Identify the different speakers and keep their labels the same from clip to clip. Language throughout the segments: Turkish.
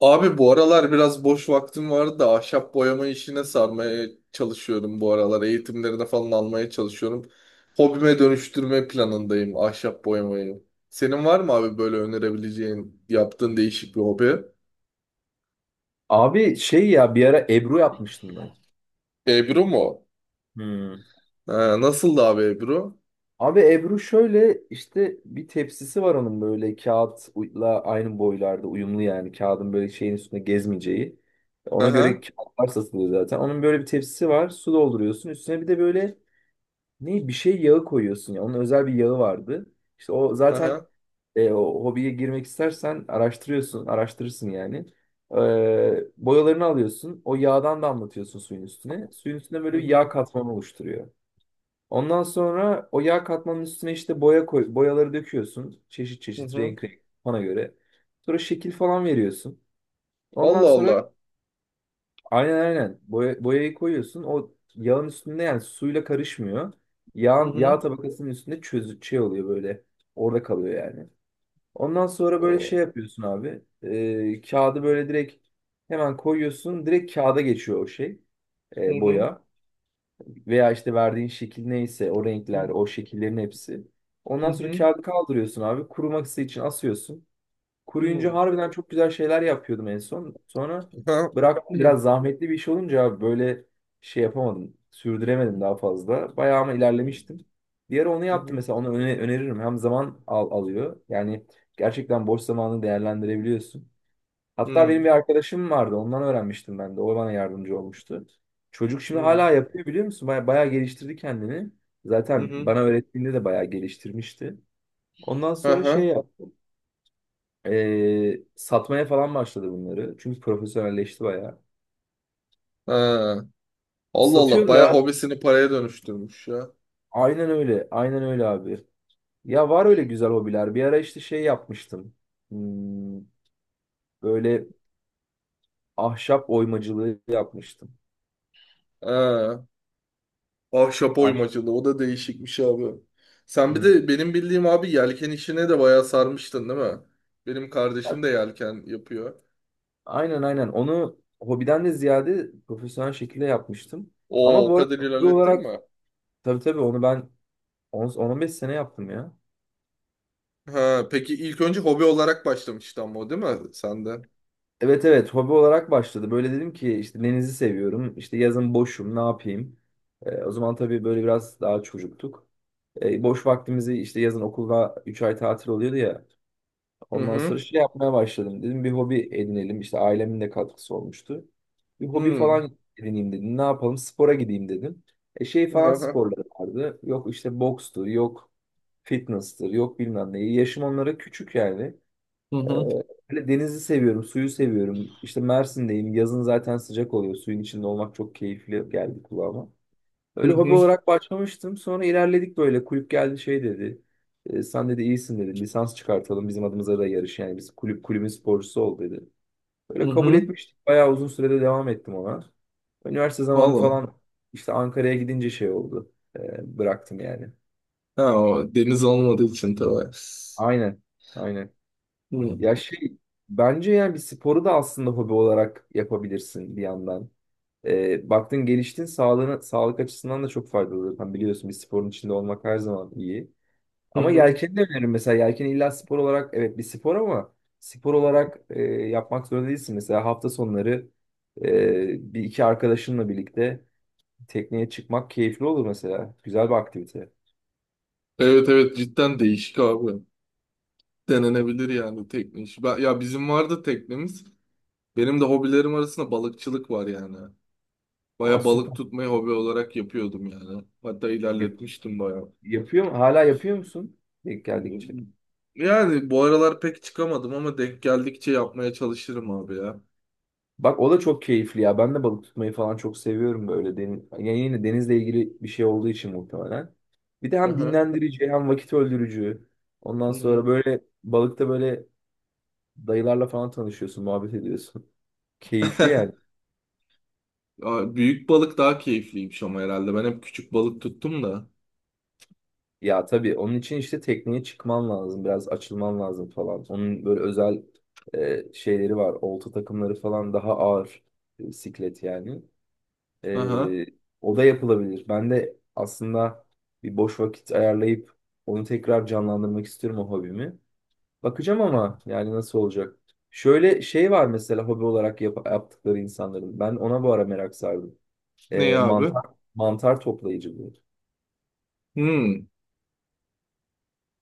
Speaker 1: Abi bu aralar biraz boş vaktim vardı da ahşap boyama işine sarmaya çalışıyorum bu aralar. Eğitimlerini falan almaya çalışıyorum. Hobime dönüştürme planındayım ahşap boyamayı. Senin var mı abi böyle önerebileceğin yaptığın değişik bir hobi?
Speaker 2: Abi şey ya bir ara Ebru yapmıştım ben.
Speaker 1: Ebru mu?
Speaker 2: Hmm.
Speaker 1: Ha, nasıldı abi Ebru?
Speaker 2: Abi Ebru şöyle işte bir tepsisi var onun böyle kağıtla aynı boylarda uyumlu yani kağıdın böyle şeyin üstünde gezmeyeceği. Ona göre
Speaker 1: Aha,
Speaker 2: kağıtlar satılıyor zaten. Onun böyle bir tepsisi var. Su dolduruyorsun. Üstüne bir de böyle ne bir şey yağı koyuyorsun ya. Onun özel bir yağı vardı. İşte o zaten
Speaker 1: aha.
Speaker 2: o hobiye girmek istersen araştırıyorsun, araştırırsın yani. Boyalarını alıyorsun. O yağdan damlatıyorsun suyun üstüne. Suyun üstüne
Speaker 1: Hı
Speaker 2: böyle bir yağ
Speaker 1: hı,
Speaker 2: katmanı oluşturuyor. Ondan sonra o yağ katmanın üstüne işte boyaları döküyorsun. Çeşit
Speaker 1: hı
Speaker 2: çeşit
Speaker 1: hı.
Speaker 2: renk renk bana göre. Sonra şekil falan veriyorsun. Ondan
Speaker 1: Allah
Speaker 2: sonra
Speaker 1: Allah.
Speaker 2: aynen, aynen. Boyayı koyuyorsun. O yağın üstünde yani suyla karışmıyor.
Speaker 1: Hı
Speaker 2: Yağ
Speaker 1: hı.
Speaker 2: tabakasının üstünde şey oluyor böyle. Orada kalıyor yani. Ondan sonra böyle
Speaker 1: O.
Speaker 2: şey yapıyorsun abi. Kağıdı böyle direkt hemen koyuyorsun. Direkt kağıda geçiyor o şey.
Speaker 1: Hı hı.
Speaker 2: Boya. Veya işte verdiğin şekil neyse o
Speaker 1: Hı
Speaker 2: renkler, o şekillerin hepsi. Ondan sonra
Speaker 1: hı.
Speaker 2: kağıdı kaldırıyorsun abi. Kuruması için asıyorsun.
Speaker 1: Hı. Hı.
Speaker 2: Kuruyunca harbiden çok güzel şeyler yapıyordum en son. Sonra
Speaker 1: Aha.
Speaker 2: bıraktım.
Speaker 1: Hı.
Speaker 2: Biraz zahmetli bir iş olunca abi böyle şey yapamadım. Sürdüremedim daha fazla. Bayağı ama ilerlemiştim. Bir ara onu
Speaker 1: Hı
Speaker 2: yaptım
Speaker 1: hı.
Speaker 2: mesela. Onu öneririm. Hem zaman alıyor. Yani gerçekten boş zamanını değerlendirebiliyorsun.
Speaker 1: Hı
Speaker 2: Hatta
Speaker 1: hı.
Speaker 2: benim bir arkadaşım vardı. Ondan öğrenmiştim ben de. O bana yardımcı olmuştu. Çocuk
Speaker 1: Hı
Speaker 2: şimdi
Speaker 1: hı.
Speaker 2: hala yapıyor, biliyor musun? Bayağı geliştirdi kendini.
Speaker 1: Hı
Speaker 2: Zaten
Speaker 1: hı.
Speaker 2: bana öğrettiğinde de bayağı geliştirmişti. Ondan sonra şey
Speaker 1: Aha.
Speaker 2: yaptı. Satmaya falan başladı bunları. Çünkü profesyonelleşti bayağı.
Speaker 1: Ha. Allah Allah,
Speaker 2: Satıyor
Speaker 1: bayağı
Speaker 2: da
Speaker 1: hobisini paraya dönüştürmüş ya.
Speaker 2: aynen öyle. Aynen öyle abi. Ya var öyle güzel hobiler. Bir ara işte şey yapmıştım. Hmm, Böyle ahşap oymacılığı yapmıştım.
Speaker 1: Ha. Ahşap
Speaker 2: Ahşap.
Speaker 1: oymacılığı, o da değişikmiş abi. Sen bir de
Speaker 2: Hmm.
Speaker 1: benim bildiğim abi yelken işine de bayağı sarmıştın, değil mi? Benim kardeşim
Speaker 2: Bak,
Speaker 1: de yelken yapıyor.
Speaker 2: aynen, aynen. Onu hobiden de ziyade profesyonel şekilde yapmıştım.
Speaker 1: Oo,
Speaker 2: Ama
Speaker 1: o
Speaker 2: bu arada
Speaker 1: kadar
Speaker 2: hobi
Speaker 1: ilerlettin
Speaker 2: olarak
Speaker 1: mi?
Speaker 2: tabii, tabii onu ben 10 beş sene yaptım ya.
Speaker 1: Ha, peki ilk önce hobi olarak başlamıştı ama o, değil mi sende?
Speaker 2: Evet, evet hobi olarak başladı. Böyle dedim ki işte denizi seviyorum. İşte yazın boşum, ne yapayım. O zaman tabii böyle biraz daha çocuktuk. Boş vaktimizi işte yazın okulda 3 ay tatil oluyordu ya.
Speaker 1: Hı
Speaker 2: Ondan sonra
Speaker 1: hı.
Speaker 2: şey yapmaya başladım. Dedim bir hobi edinelim. İşte ailemin de katkısı olmuştu. Bir hobi
Speaker 1: Hı.
Speaker 2: falan edineyim dedim. Ne yapalım, spora gideyim dedim. Şey
Speaker 1: Hı
Speaker 2: falan
Speaker 1: hı.
Speaker 2: sporları vardı. Yok işte bokstur, yok fitness'tır, yok bilmem ne. Yaşım onlara küçük yani.
Speaker 1: Hı
Speaker 2: Ee,
Speaker 1: hı.
Speaker 2: Hani denizi seviyorum, suyu seviyorum. İşte Mersin'deyim. Yazın zaten sıcak oluyor. Suyun içinde olmak çok keyifli geldi kulağıma.
Speaker 1: Hı
Speaker 2: Öyle hobi
Speaker 1: hı.
Speaker 2: olarak başlamıştım. Sonra ilerledik böyle. Kulüp geldi şey dedi. "E, sen dedi iyisin dedi. Lisans çıkartalım. Bizim adımıza da yarış. Yani biz kulübün sporcusu ol dedi."
Speaker 1: Hı
Speaker 2: Öyle kabul
Speaker 1: hı.
Speaker 2: etmiştik. Bayağı uzun sürede devam ettim ona. Üniversite zamanı
Speaker 1: Valla.
Speaker 2: falan işte Ankara'ya gidince şey oldu. Bıraktım yani.
Speaker 1: Ha, o deniz olmadığı için tabii.
Speaker 2: Aynen. Aynen.
Speaker 1: Hı.
Speaker 2: Ya şey, bence yani bir sporu da aslında hobi olarak yapabilirsin bir yandan. Baktın geliştin sağlığına, sağlık açısından da çok faydalıdır. Hani biliyorsun, bir sporun içinde olmak her zaman iyi.
Speaker 1: Hı
Speaker 2: Ama
Speaker 1: hı.
Speaker 2: yelkeni de öneririm mesela. Yelken illa spor olarak evet bir spor ama spor olarak yapmak zorunda değilsin. Mesela hafta sonları bir iki arkadaşınla birlikte tekneye çıkmak keyifli olur mesela. Güzel bir aktivite.
Speaker 1: Evet evet, cidden değişik abi. Denenebilir yani tekne işi. Ben, ya bizim vardı teknemiz. Benim de hobilerim arasında balıkçılık var yani.
Speaker 2: Aa,
Speaker 1: Baya balık
Speaker 2: süper.
Speaker 1: tutmayı hobi olarak yapıyordum yani. Hatta
Speaker 2: Yap-
Speaker 1: ilerletmiştim baya.
Speaker 2: Yapıyor mu? Hala yapıyor musun? Denk geldikçe.
Speaker 1: Yani bu aralar pek çıkamadım ama denk geldikçe yapmaya çalışırım abi ya.
Speaker 2: Bak o da çok keyifli ya. Ben de balık tutmayı falan çok seviyorum böyle. Deniz, yani yine denizle ilgili bir şey olduğu için muhtemelen. Bir de hem
Speaker 1: Aha.
Speaker 2: dinlendirici hem vakit öldürücü.
Speaker 1: Hı
Speaker 2: Ondan sonra
Speaker 1: hı.
Speaker 2: böyle balıkta böyle dayılarla falan tanışıyorsun, muhabbet ediyorsun. Keyifli yani.
Speaker 1: Ya, büyük balık daha keyifliymiş ama herhalde. Ben hep küçük balık tuttum da.
Speaker 2: Ya tabii onun için işte tekneye çıkman lazım, biraz açılman lazım falan. Onun böyle özel şeyleri var, olta takımları falan daha ağır siklet yani.
Speaker 1: Aha.
Speaker 2: Ee, O da yapılabilir. Ben de aslında bir boş vakit ayarlayıp onu tekrar canlandırmak istiyorum, o hobimi. Bakacağım
Speaker 1: Hı hı.
Speaker 2: ama yani nasıl olacak? Şöyle şey var mesela hobi olarak yaptıkları insanların. Ben ona bu ara merak sardım.
Speaker 1: Ne ya abi?
Speaker 2: Mantar mantar toplayıcılığı.
Speaker 1: Hmm.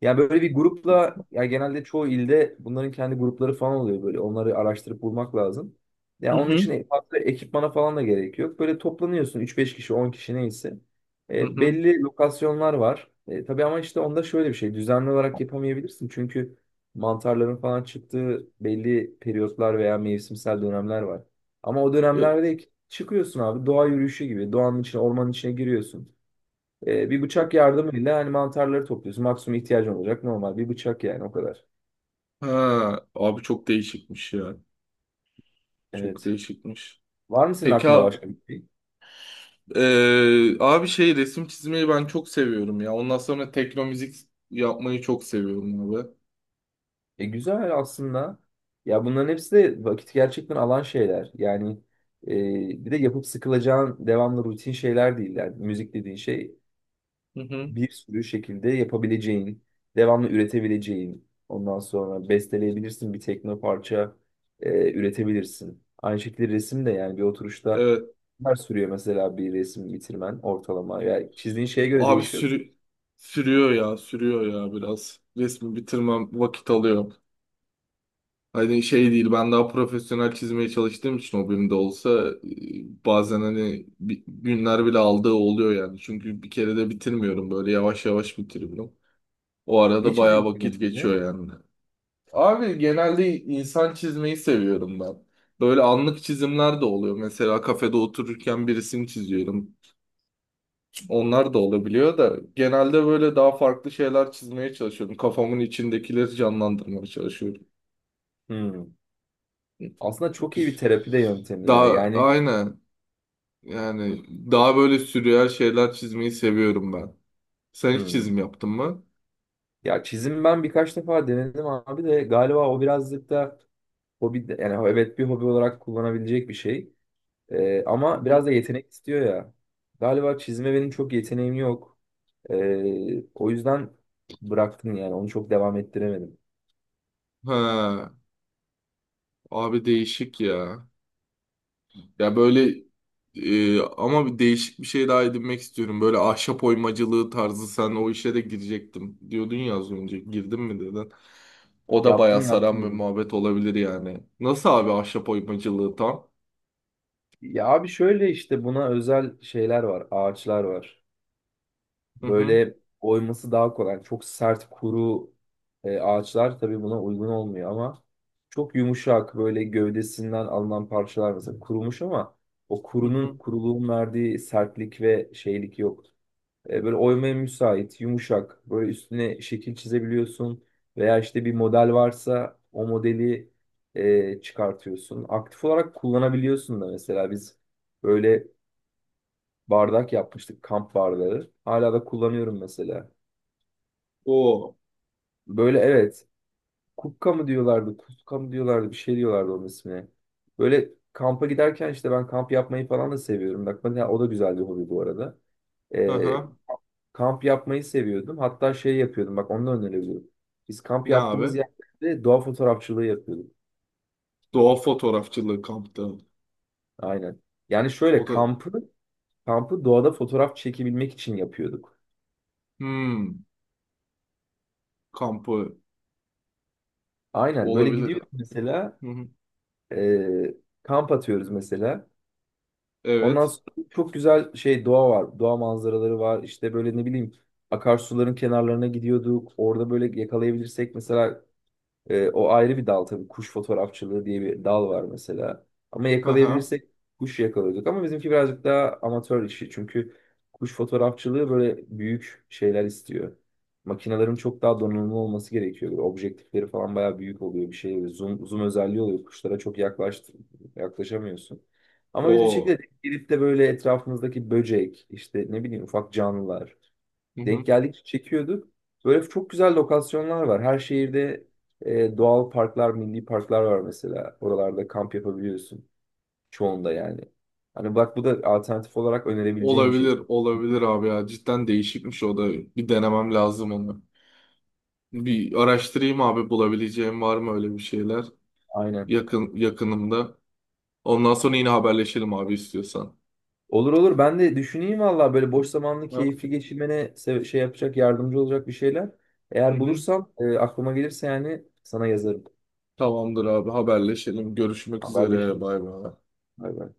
Speaker 2: Yani böyle bir grupla, yani genelde çoğu ilde bunların kendi grupları falan oluyor böyle. Onları araştırıp bulmak lazım. Yani
Speaker 1: Hı
Speaker 2: onun
Speaker 1: hı.
Speaker 2: için farklı ekipmana falan da gerek yok. Böyle toplanıyorsun üç beş kişi 10 kişi neyse.
Speaker 1: Hı hı.
Speaker 2: Belli lokasyonlar var. Tabii ama işte onda şöyle bir şey, düzenli olarak yapamayabilirsin. Çünkü mantarların falan çıktığı belli periyotlar veya mevsimsel dönemler var. Ama o
Speaker 1: E,
Speaker 2: dönemlerde çıkıyorsun abi, doğa yürüyüşü gibi. Doğanın içine, ormanın içine giriyorsun. Bir
Speaker 1: o-
Speaker 2: bıçak yardımıyla hani mantarları topluyorsun. Maksimum ihtiyacın olacak normal bir bıçak yani, o kadar.
Speaker 1: Ha, abi çok değişikmiş ya. Çok
Speaker 2: Evet.
Speaker 1: değişikmiş.
Speaker 2: Var mı senin
Speaker 1: Peki
Speaker 2: aklında
Speaker 1: ha-
Speaker 2: başka bir şey?
Speaker 1: eee, abi şey resim çizmeyi ben çok seviyorum ya. Ondan sonra tekno müzik yapmayı çok seviyorum abi.
Speaker 2: Güzel aslında. Ya bunların hepsi de vakit gerçekten alan şeyler. Yani e, bir de yapıp sıkılacağın devamlı rutin şeyler değil. Yani müzik dediğin şey
Speaker 1: Hı hı.
Speaker 2: bir sürü şekilde yapabileceğin, devamlı üretebileceğin, ondan sonra besteleyebilirsin bir tekno parça üretebilirsin. Aynı şekilde resim de yani bir oturuşta
Speaker 1: Evet.
Speaker 2: neler sürüyor mesela, bir resim bitirmen ortalama. Yani çizdiğin şeye göre
Speaker 1: Abi
Speaker 2: değişiyor.
Speaker 1: sürü sürüyor ya, sürüyor ya biraz. Resmi bitirmem vakit alıyor. Hani şey değil, ben daha profesyonel çizmeye çalıştığım için o benim de olsa bazen hani günler bile aldığı oluyor yani. Çünkü bir kere de bitirmiyorum, böyle yavaş yavaş bitiriyorum. O
Speaker 2: Ne
Speaker 1: arada bayağı
Speaker 2: çiziyorsun
Speaker 1: vakit
Speaker 2: genelde?
Speaker 1: geçiyor yani. Abi genelde insan çizmeyi seviyorum ben. Böyle anlık çizimler de oluyor. Mesela kafede otururken bir resim çiziyorum. Onlar da olabiliyor da genelde böyle daha farklı şeyler çizmeye çalışıyorum. Kafamın içindekileri canlandırmaya çalışıyorum.
Speaker 2: Hmm. Aslında çok iyi bir terapi de yöntemi ya.
Speaker 1: Daha
Speaker 2: Yani
Speaker 1: aynen. Yani daha böyle sürreal şeyler çizmeyi seviyorum ben. Sen hiç
Speaker 2: hmm.
Speaker 1: çizim yaptın mı?
Speaker 2: Ya çizim, ben birkaç defa denedim abi de galiba o birazcık da hobi, yani evet bir hobi olarak kullanabilecek bir şey.
Speaker 1: Hı
Speaker 2: Ama
Speaker 1: hı.
Speaker 2: biraz da yetenek istiyor ya. Galiba çizime benim çok yeteneğim yok. O yüzden bıraktım yani. Onu çok devam ettiremedim.
Speaker 1: Ha, abi değişik ya. Ya böyle ama bir değişik bir şey daha edinmek istiyorum. Böyle ahşap oymacılığı tarzı, sen o işe de girecektim diyordun ya az önce. Girdin mi dedin. O da bayağı
Speaker 2: Yaptım, yaptım
Speaker 1: saran bir
Speaker 2: onu.
Speaker 1: muhabbet olabilir yani. Nasıl abi ahşap oymacılığı tam?
Speaker 2: Ya abi şöyle işte buna özel şeyler var. Ağaçlar var.
Speaker 1: Hı hı.
Speaker 2: Böyle oyması daha kolay. Çok sert kuru ağaçlar tabii buna uygun olmuyor ama çok yumuşak, böyle gövdesinden alınan parçalar mesela, kurumuş ama o
Speaker 1: Hı hı.
Speaker 2: kuruluğun verdiği sertlik ve şeylik yok. Böyle oymaya müsait, yumuşak. Böyle üstüne şekil çizebiliyorsun. Veya işte bir model varsa o modeli çıkartıyorsun. Aktif olarak kullanabiliyorsun da, mesela biz böyle bardak yapmıştık, kamp bardağı. Hala da kullanıyorum mesela.
Speaker 1: O.
Speaker 2: Böyle evet, kupka mı diyorlardı, kuska mı diyorlardı, bir şey diyorlardı onun ismine. Böyle kampa giderken işte, ben kamp yapmayı falan da seviyorum. Bak mesela, o da güzel bir hobi bu arada.
Speaker 1: Hı
Speaker 2: E,
Speaker 1: hı.
Speaker 2: Kamp yapmayı seviyordum. Hatta şey yapıyordum. Bak, onu da önerebilirim. Biz kamp
Speaker 1: Ne abi?
Speaker 2: yaptığımız yerlerde doğa fotoğrafçılığı yapıyorduk.
Speaker 1: Doğa fotoğrafçılığı kampta.
Speaker 2: Aynen. Yani
Speaker 1: O
Speaker 2: şöyle
Speaker 1: da.
Speaker 2: kampı doğada fotoğraf çekebilmek için yapıyorduk.
Speaker 1: Hmm. Kampı
Speaker 2: Aynen. Böyle
Speaker 1: olabilir.
Speaker 2: gidiyoruz mesela,
Speaker 1: Hı hı.
Speaker 2: e, kamp atıyoruz mesela. Ondan
Speaker 1: Evet.
Speaker 2: sonra çok güzel şey, doğa var. Doğa manzaraları var. İşte böyle ne bileyim akarsuların kenarlarına gidiyorduk. Orada böyle yakalayabilirsek mesela o ayrı bir dal tabii. Kuş fotoğrafçılığı diye bir dal var mesela. Ama
Speaker 1: Aha.
Speaker 2: yakalayabilirsek kuş yakalıyorduk. Ama bizimki birazcık daha amatör işi. Çünkü kuş fotoğrafçılığı böyle büyük şeyler istiyor. Makinelerin çok daha donanımlı olması gerekiyor. Böyle objektifleri falan bayağı büyük oluyor bir şey. Zoom özelliği oluyor. Kuşlara yaklaşamıyorsun. Ama biz bir
Speaker 1: O.
Speaker 2: şekilde gidip de böyle etrafımızdaki böcek, işte ne bileyim ufak canlılar,
Speaker 1: Hı
Speaker 2: denk
Speaker 1: hı.
Speaker 2: geldikçe çekiyorduk. Böyle çok güzel lokasyonlar var. Her şehirde doğal parklar, milli parklar var mesela. Oralarda kamp yapabiliyorsun. Çoğunda yani. Hani bak, bu da alternatif olarak önerebileceğim bir şey
Speaker 1: Olabilir,
Speaker 2: çok.
Speaker 1: olabilir abi ya. Cidden değişikmiş o da. Bir denemem lazım onu. Bir araştırayım abi bulabileceğim var mı öyle bir şeyler
Speaker 2: Aynen.
Speaker 1: yakın yakınımda. Ondan sonra yine haberleşelim abi istiyorsan.
Speaker 2: Olur, olur. Ben de düşüneyim valla, böyle boş zamanlı
Speaker 1: Ha?
Speaker 2: keyifli geçirmene şey yapacak, yardımcı olacak bir şeyler.
Speaker 1: Hı
Speaker 2: Eğer
Speaker 1: hı.
Speaker 2: bulursam aklıma gelirse yani sana yazarım.
Speaker 1: Tamamdır abi, haberleşelim. Görüşmek üzere.
Speaker 2: Haberleşiriz.
Speaker 1: Bay bay.
Speaker 2: Bay bay.